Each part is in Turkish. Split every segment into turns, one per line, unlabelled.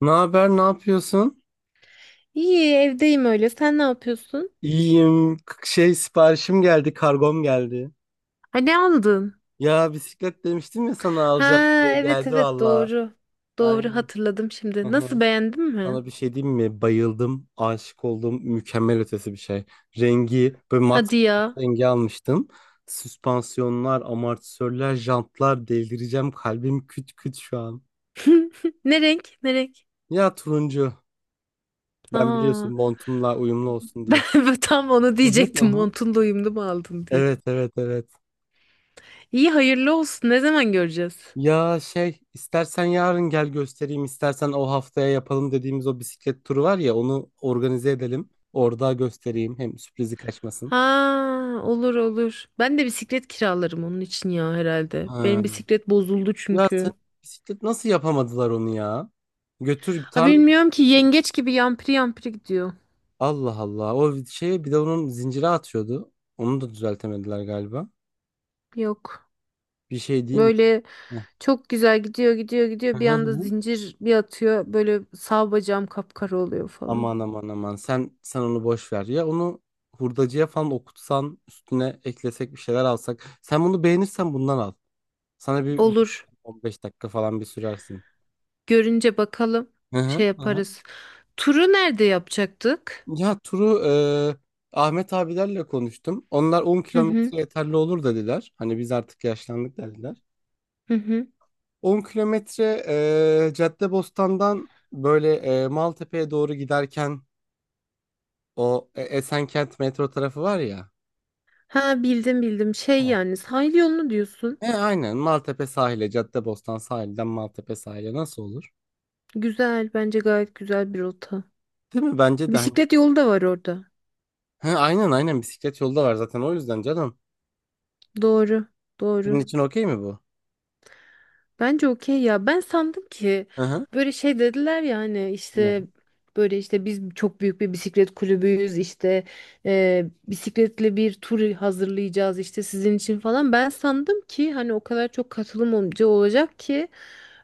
Ne haber, ne yapıyorsun?
İyi, evdeyim öyle. Sen ne yapıyorsun?
İyiyim. Şey, siparişim geldi, kargom geldi.
Ha, ne aldın?
Ya bisiklet demiştim ya sana
Ha,
alacağım diye
evet
geldi
evet
valla.
doğru. Doğru
Aynen.
hatırladım
Hı
şimdi.
hı.
Nasıl, beğendin mi?
Sana bir şey diyeyim mi? Bayıldım, aşık oldum. Mükemmel ötesi bir şey. Rengi böyle mat,
Hadi
mat
ya.
rengi almıştım. Süspansiyonlar, amortisörler, jantlar, delireceğim. Kalbim küt küt şu an.
Ne renk? Ne renk?
Ya turuncu. Ben biliyorsun
Aa,
montumla uyumlu olsun
ben
diye.
ben tam onu
Hı hı, hı
diyecektim.
hı.
Montun da uyumlu mu aldın diye.
Evet, evet, evet.
İyi, hayırlı olsun. Ne zaman göreceğiz?
Ya şey, istersen yarın gel göstereyim, istersen o haftaya yapalım dediğimiz o bisiklet turu var ya, onu organize edelim. Orada göstereyim, hem sürprizi kaçmasın.
Ha, olur olur. Ben de bisiklet kiralarım onun için ya herhalde.
Ha.
Benim bisiklet bozuldu
Ya sen
çünkü.
Bisiklet nasıl yapamadılar onu ya? Götür
Ha,
tamir.
bilmiyorum ki, yengeç gibi yampiri yampiri gidiyor.
Allah Allah, o şeye bir de onun zincire atıyordu. Onu da düzeltemediler galiba.
Yok.
Bir şey diyeyim mi?
Böyle
Hı.
çok güzel gidiyor gidiyor
Hı
gidiyor bir
hı
anda
hı.
zincir bir atıyor, böyle sağ bacağım kapkara oluyor falan.
Aman aman aman, sen onu boş ver ya, onu hurdacıya falan okutsan üstüne eklesek bir şeyler alsak. Sen bunu beğenirsen bundan al. Sana bir
Olur,
15 dakika falan bir sürersin.
görünce bakalım
Hı hı,
şey
hı hı.
yaparız. Turu nerede yapacaktık?
Ya turu, Ahmet abilerle konuştum. Onlar 10
Hı hı,
kilometre yeterli olur dediler. Hani biz artık yaşlandık dediler.
hı hı.
10 kilometre, Caddebostan'dan böyle, Maltepe'ye doğru giderken o Esenkent metro tarafı var ya.
Ha, bildim bildim, şey,
He.
yani sahil yolunu diyorsun.
Aynen Caddebostan sahilden Maltepe sahile nasıl olur?
Güzel, bence gayet güzel bir rota.
Değil mi? Bence de hani.
Bisiklet yolu da var orada.
He, aynen aynen bisiklet yolda var zaten, o yüzden canım.
Doğru
Senin
doğru.
için okey mi bu?
Bence okey ya. Ben sandım ki
Hı hı.
böyle şey dediler ya, hani
Ne?
işte böyle, işte biz çok büyük bir bisiklet kulübüyüz, işte bisikletle bir tur hazırlayacağız işte sizin için falan. Ben sandım ki hani o kadar çok katılım olunca olacak ki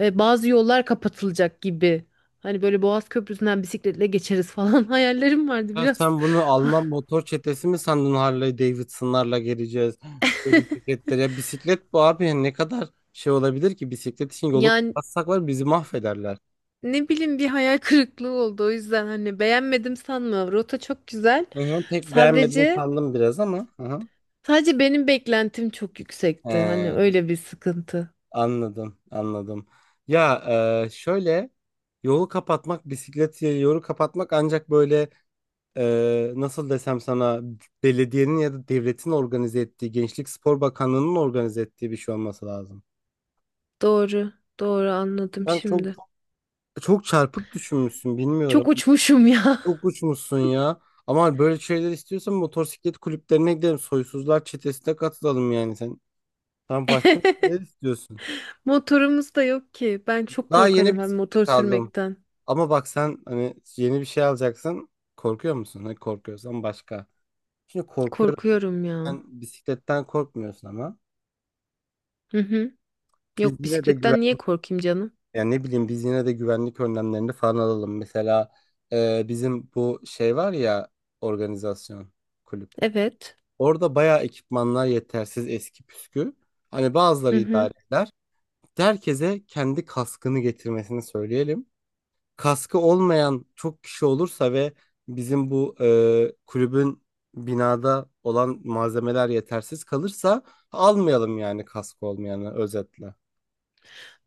bazı yollar kapatılacak gibi. Hani böyle Boğaz Köprüsü'nden bisikletle geçeriz falan, hayallerim vardı
Ya
biraz.
sen bunu Alman motor çetesi mi sandın, Harley Davidson'larla geleceğiz? Böyle ceketler. Ya bisiklet bu abi, ne kadar şey olabilir ki, bisiklet için yolu
Yani
kapatsak var bizi mahvederler.
ne bileyim, bir hayal kırıklığı oldu, o yüzden hani beğenmedim sanma. Rota çok güzel.
Hı hı, pek beğenmedim
Sadece
sandım biraz ama. Hı hı.
Sadece benim beklentim çok yüksekti. Hani
He,
öyle bir sıkıntı.
anladım anladım. Ya, şöyle, yolu kapatmak bisiklet yolu kapatmak ancak böyle, nasıl desem sana, belediyenin ya da devletin organize ettiği, Gençlik Spor Bakanlığı'nın organize ettiği bir şey olması lazım.
Doğru, doğru, anladım
Ben çok
şimdi.
Çok çarpık düşünmüşsün, bilmiyorum.
Çok uçmuşum ya.
Çok uçmuşsun ya. Ama böyle şeyler istiyorsan motosiklet kulüplerine gidelim. Soysuzlar çetesine katılalım yani sen. Sen başka şeyler istiyorsun.
Motorumuz da yok ki. Ben çok
Daha yeni
korkarım hem motor
bisiklet aldım.
sürmekten.
Ama bak sen hani yeni bir şey alacaksın. Korkuyor musun? Hani korkuyorsan başka. Şimdi korkuyorum.
Korkuyorum ya.
Sen bisikletten korkmuyorsun ama.
Hı hı.
Biz
Yok,
yine de güven
bisikletten niye korkayım canım?
Yani ne bileyim, biz yine de güvenlik önlemlerini falan alalım. Mesela bizim bu şey var ya, organizasyon, kulüp.
Evet.
Orada bayağı ekipmanlar yetersiz, eski püskü. Hani
Hı
bazıları
hı.
idare eder. Herkese kendi kaskını getirmesini söyleyelim. Kaskı olmayan çok kişi olursa ve bizim bu kulübün binada olan malzemeler yetersiz kalırsa, almayalım yani kaskı olmayanı, özetle.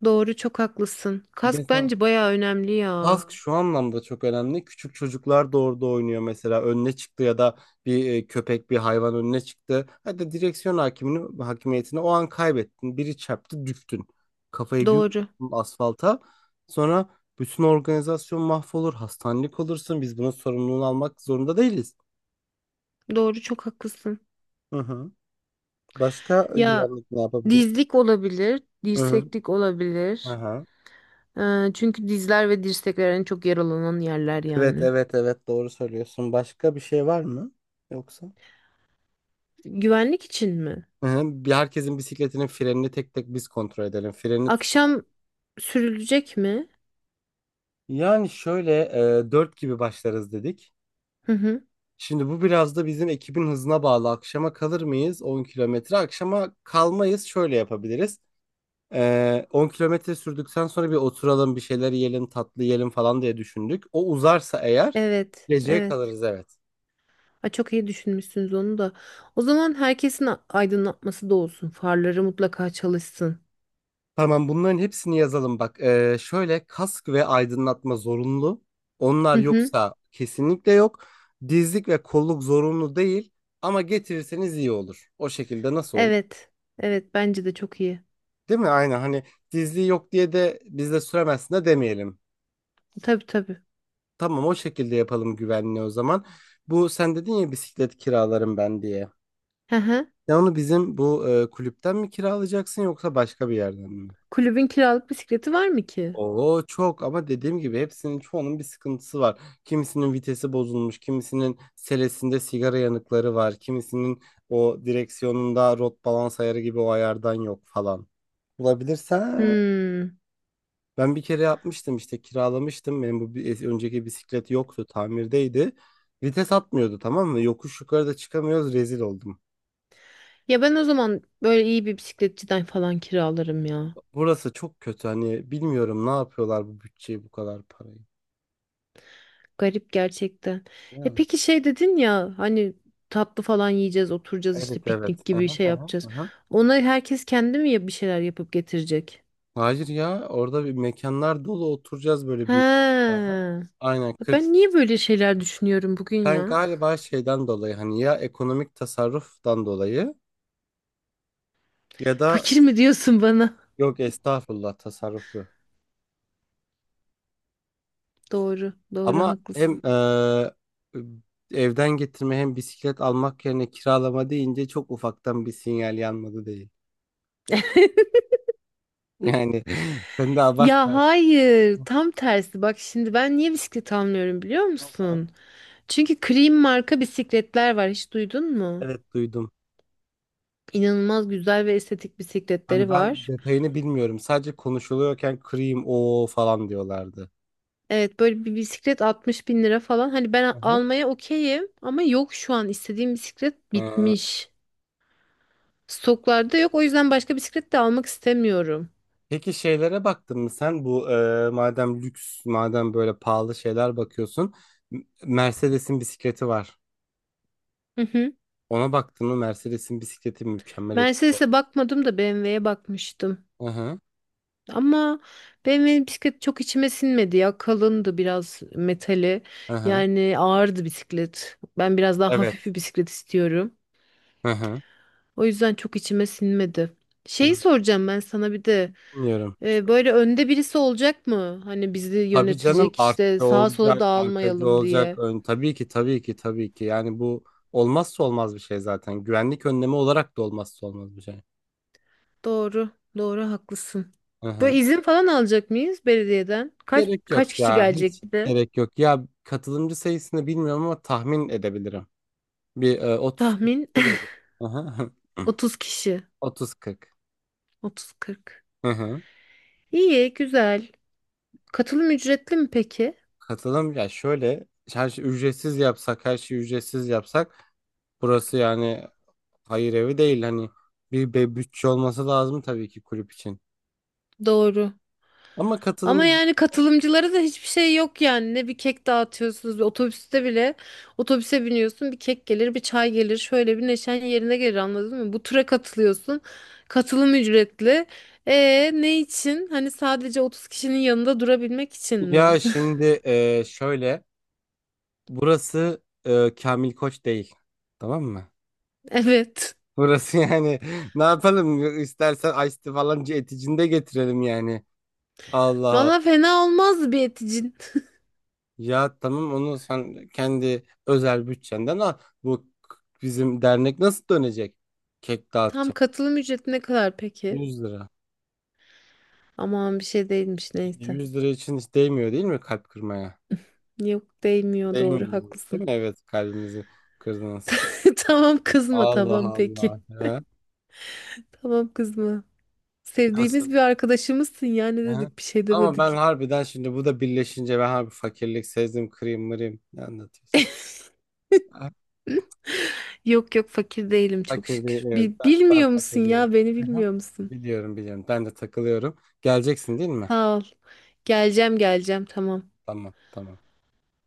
Doğru, çok haklısın. Kask
Mesela
bence bayağı önemli ya.
Kask şu anlamda çok önemli. Küçük çocuklar da orada oynuyor mesela. Önüne çıktı ya da bir köpek, bir hayvan önüne çıktı. Hadi direksiyon hakimiyetini o an kaybettin. Biri çarptı, düştün. Kafayı bir
Doğru.
vurdun asfalta. Sonra bütün organizasyon mahvolur. Hastanelik olursun. Biz bunun sorumluluğunu almak zorunda değiliz.
Doğru, çok haklısın.
Hı hı. Başka
Ya
güvenlik ne yapabiliriz?
dizlik olabilir,
Hı hı.
dirseklik olabilir.
Aha.
Çünkü dizler ve dirsekler en çok yaralanan yerler
Evet,
yani.
evet, evet. Doğru söylüyorsun. Başka bir şey var mı? Yoksa?
Güvenlik için mi?
Hı hı. Bir, herkesin bisikletinin frenini tek tek biz kontrol edelim.
Akşam sürülecek mi?
Yani şöyle, 4 gibi başlarız dedik.
Hı hı.
Şimdi bu biraz da bizim ekibin hızına bağlı. Akşama kalır mıyız 10 kilometre? Akşama kalmayız. Şöyle yapabiliriz. 10 kilometre sürdükten sonra bir oturalım, bir şeyler yiyelim, tatlı yiyelim falan diye düşündük. O uzarsa eğer
Evet,
geceye
evet.
kalırız, evet.
Ay, çok iyi düşünmüşsünüz onu da. O zaman herkesin aydınlatması da olsun. Farları mutlaka çalışsın.
Tamam, bunların hepsini yazalım bak. Şöyle, kask ve aydınlatma zorunlu.
Hı
Onlar
hı.
yoksa kesinlikle yok. Dizlik ve kolluk zorunlu değil ama getirirseniz iyi olur. O şekilde nasıl olur?
Evet, evet. Bence de çok iyi.
Değil mi? Aynen hani, dizliği yok diye de biz de süremezsin de demeyelim.
Tabii tabii.
Tamam, o şekilde yapalım güvenliği o zaman. Bu sen dedin ya bisiklet kiralarım ben diye.
Hı hı.
Ya onu bizim bu kulüpten mi kiralayacaksın yoksa başka bir yerden mi?
Kulübün kiralık bisikleti var mı ki?
Oo çok, ama dediğim gibi çoğunun bir sıkıntısı var. Kimisinin vitesi bozulmuş, kimisinin selesinde sigara yanıkları var, kimisinin o direksiyonunda rot balans ayarı gibi o ayardan yok falan. Bulabilirsen,
Hmm.
ben bir kere yapmıştım işte, kiralamıştım. Benim bu önceki bisiklet yoktu, tamirdeydi. Vites atmıyordu tamam mı? Yokuş yukarıda çıkamıyoruz, rezil oldum.
Ya ben o zaman böyle iyi bir bisikletçiden falan kiralarım ya.
Burası çok kötü hani, bilmiyorum ne yapıyorlar bu bütçeyi, bu kadar parayı.
Garip gerçekten. E
Ya.
peki şey dedin ya hani, tatlı falan yiyeceğiz, oturacağız, işte
Evet evet.
piknik gibi
Aha,
şey
aha,
yapacağız.
aha.
Ona herkes kendi mi bir şeyler yapıp getirecek?
Hayır ya, orada bir mekanlar dolu, oturacağız böyle büyük mekana.
Ha.
Aynen 40.
Ben niye böyle şeyler düşünüyorum bugün
Sen
ya?
galiba şeyden dolayı, hani ya ekonomik tasarruftan dolayı ya da,
Fakir mi diyorsun bana?
yok estağfurullah, tasarruflu.
Doğru, doğru
Ama hem
haklısın.
evden getirme hem bisiklet almak yerine kiralama deyince, çok ufaktan bir sinyal yanmadı değil. Yani sen de abartma.
Ya hayır, tam tersi. Bak şimdi, ben niye bisiklet almıyorum biliyor musun? Çünkü Cream marka bisikletler var. Hiç duydun mu?
Evet duydum.
İnanılmaz güzel ve estetik
Hani
bisikletleri
ben
var.
detayını bilmiyorum. Sadece konuşuluyorken kırayım o falan diyorlardı.
Evet, böyle bir bisiklet 60 bin lira falan. Hani ben
Hı hı.
almaya okeyim ama yok, şu an istediğim bisiklet
Ee,
bitmiş. Stoklarda yok, o yüzden başka bisiklet de almak istemiyorum.
Peki şeylere baktın mı sen, bu madem lüks madem böyle pahalı şeyler bakıyorsun, Mercedes'in bisikleti var.
Hı hı.
Ona baktın mı? Mercedes'in bisikleti mükemmel
Mercedes'e
ötesi.
bakmadım da BMW'ye bakmıştım.
Hı hı.
Ama BMW'nin bisikleti çok içime sinmedi ya. Kalındı biraz metali.
Hı hı.
Yani ağırdı bisiklet. Ben biraz daha hafif
Evet.
bir bisiklet istiyorum.
Hı hı.
O yüzden çok içime sinmedi. Şeyi
Hı.
soracağım ben sana bir de.
Bilmiyorum.
Böyle önde birisi olacak mı? Hani bizi
Tabii canım,
yönetecek, işte
artçı
sağa sola
olacak, arkacı
dağılmayalım
olacak.
diye.
Tabii ki tabii ki tabii ki. Yani bu olmazsa olmaz bir şey zaten. Güvenlik önlemi olarak da olmazsa olmaz bir şey.
Doğru, doğru haklısın.
Hı
Böyle
hı.
izin falan alacak mıyız belediyeden? Kaç
Gerek
kaç
yok
kişi
ya. Hiç
gelecek bir de?
gerek yok. Ya katılımcı sayısını bilmiyorum ama tahmin edebilirim. Bir, 30-40
Tahmin,
kişi gelir. Aha.
30 kişi.
30-40.
30-40.
Hı hı.
İyi, güzel. Katılım ücretli mi peki?
Katılım ya şöyle, her şeyi ücretsiz yapsak, burası yani hayır evi değil hani, bir bütçe olması lazım tabii ki kulüp için.
Doğru.
Ama
Ama
katılım
yani katılımcılara da hiçbir şey yok yani. Ne bir kek dağıtıyorsunuz bir otobüste bile. Otobüse biniyorsun, bir kek gelir, bir çay gelir. Şöyle bir neşen yerine gelir, anladın mı? Bu tura katılıyorsun. Katılım ücretli. E ne için? Hani sadece 30 kişinin yanında durabilmek için mi?
Ya şimdi, şöyle, burası Kamil Koç değil, tamam mı?
Evet.
Burası yani ne yapalım, istersen Ice Tea falan eticinde getirelim yani. Allah
Valla fena olmaz bir eticin.
Ya tamam, onu sen kendi özel bütçenden al. Bu k- Bizim dernek nasıl dönecek? Kek
Tam
dağıtacak.
katılım ücreti ne kadar peki?
100 lira.
Aman, bir şey değilmiş
İşte
neyse.
100 lira için hiç değmiyor değil mi kalp kırmaya?
Yok değmiyor, doğru
Değmiyor. Değil
haklısın.
mi? Evet, kalbimizi kırdınız.
Tamam, kızma,
Allah
tamam peki.
Allah. He?
Tamam, kızma.
Nasıl?
Sevdiğimiz bir arkadaşımızsın ya, ne
He?
dedik, bir şey
Ama ben
demedik.
harbiden şimdi, bu da birleşince, ben harbi fakirlik sezdim, kırayım mırayım. Ne anlatıyorsun? Ha.
Yok yok, fakir değilim çok
Fakir değil,
şükür.
evet. Ben
Bilmiyor musun
fakir değilim.
ya, beni
Hı hı.
bilmiyor musun?
Biliyorum biliyorum. Ben de takılıyorum. Geleceksin değil mi?
Sağ ol. Geleceğim geleceğim tamam.
Tamam tamam.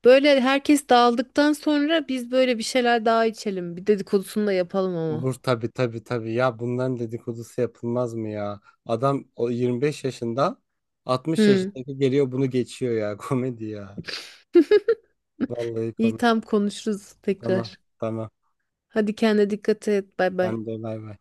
Böyle herkes dağıldıktan sonra biz böyle bir şeyler daha içelim. Bir dedikodusunu da yapalım ama.
Olur, tabii tabii tabii, ya bunların dedikodusu yapılmaz mı ya? Adam o 25 yaşında, 60
Hı.
yaşındaki geliyor, bunu geçiyor ya, komedi ya. Vallahi
İyi,
komedi.
tam konuşuruz
Tamam
tekrar.
tamam.
Hadi kendine dikkat et. Bay bay.
Ben de bay bay.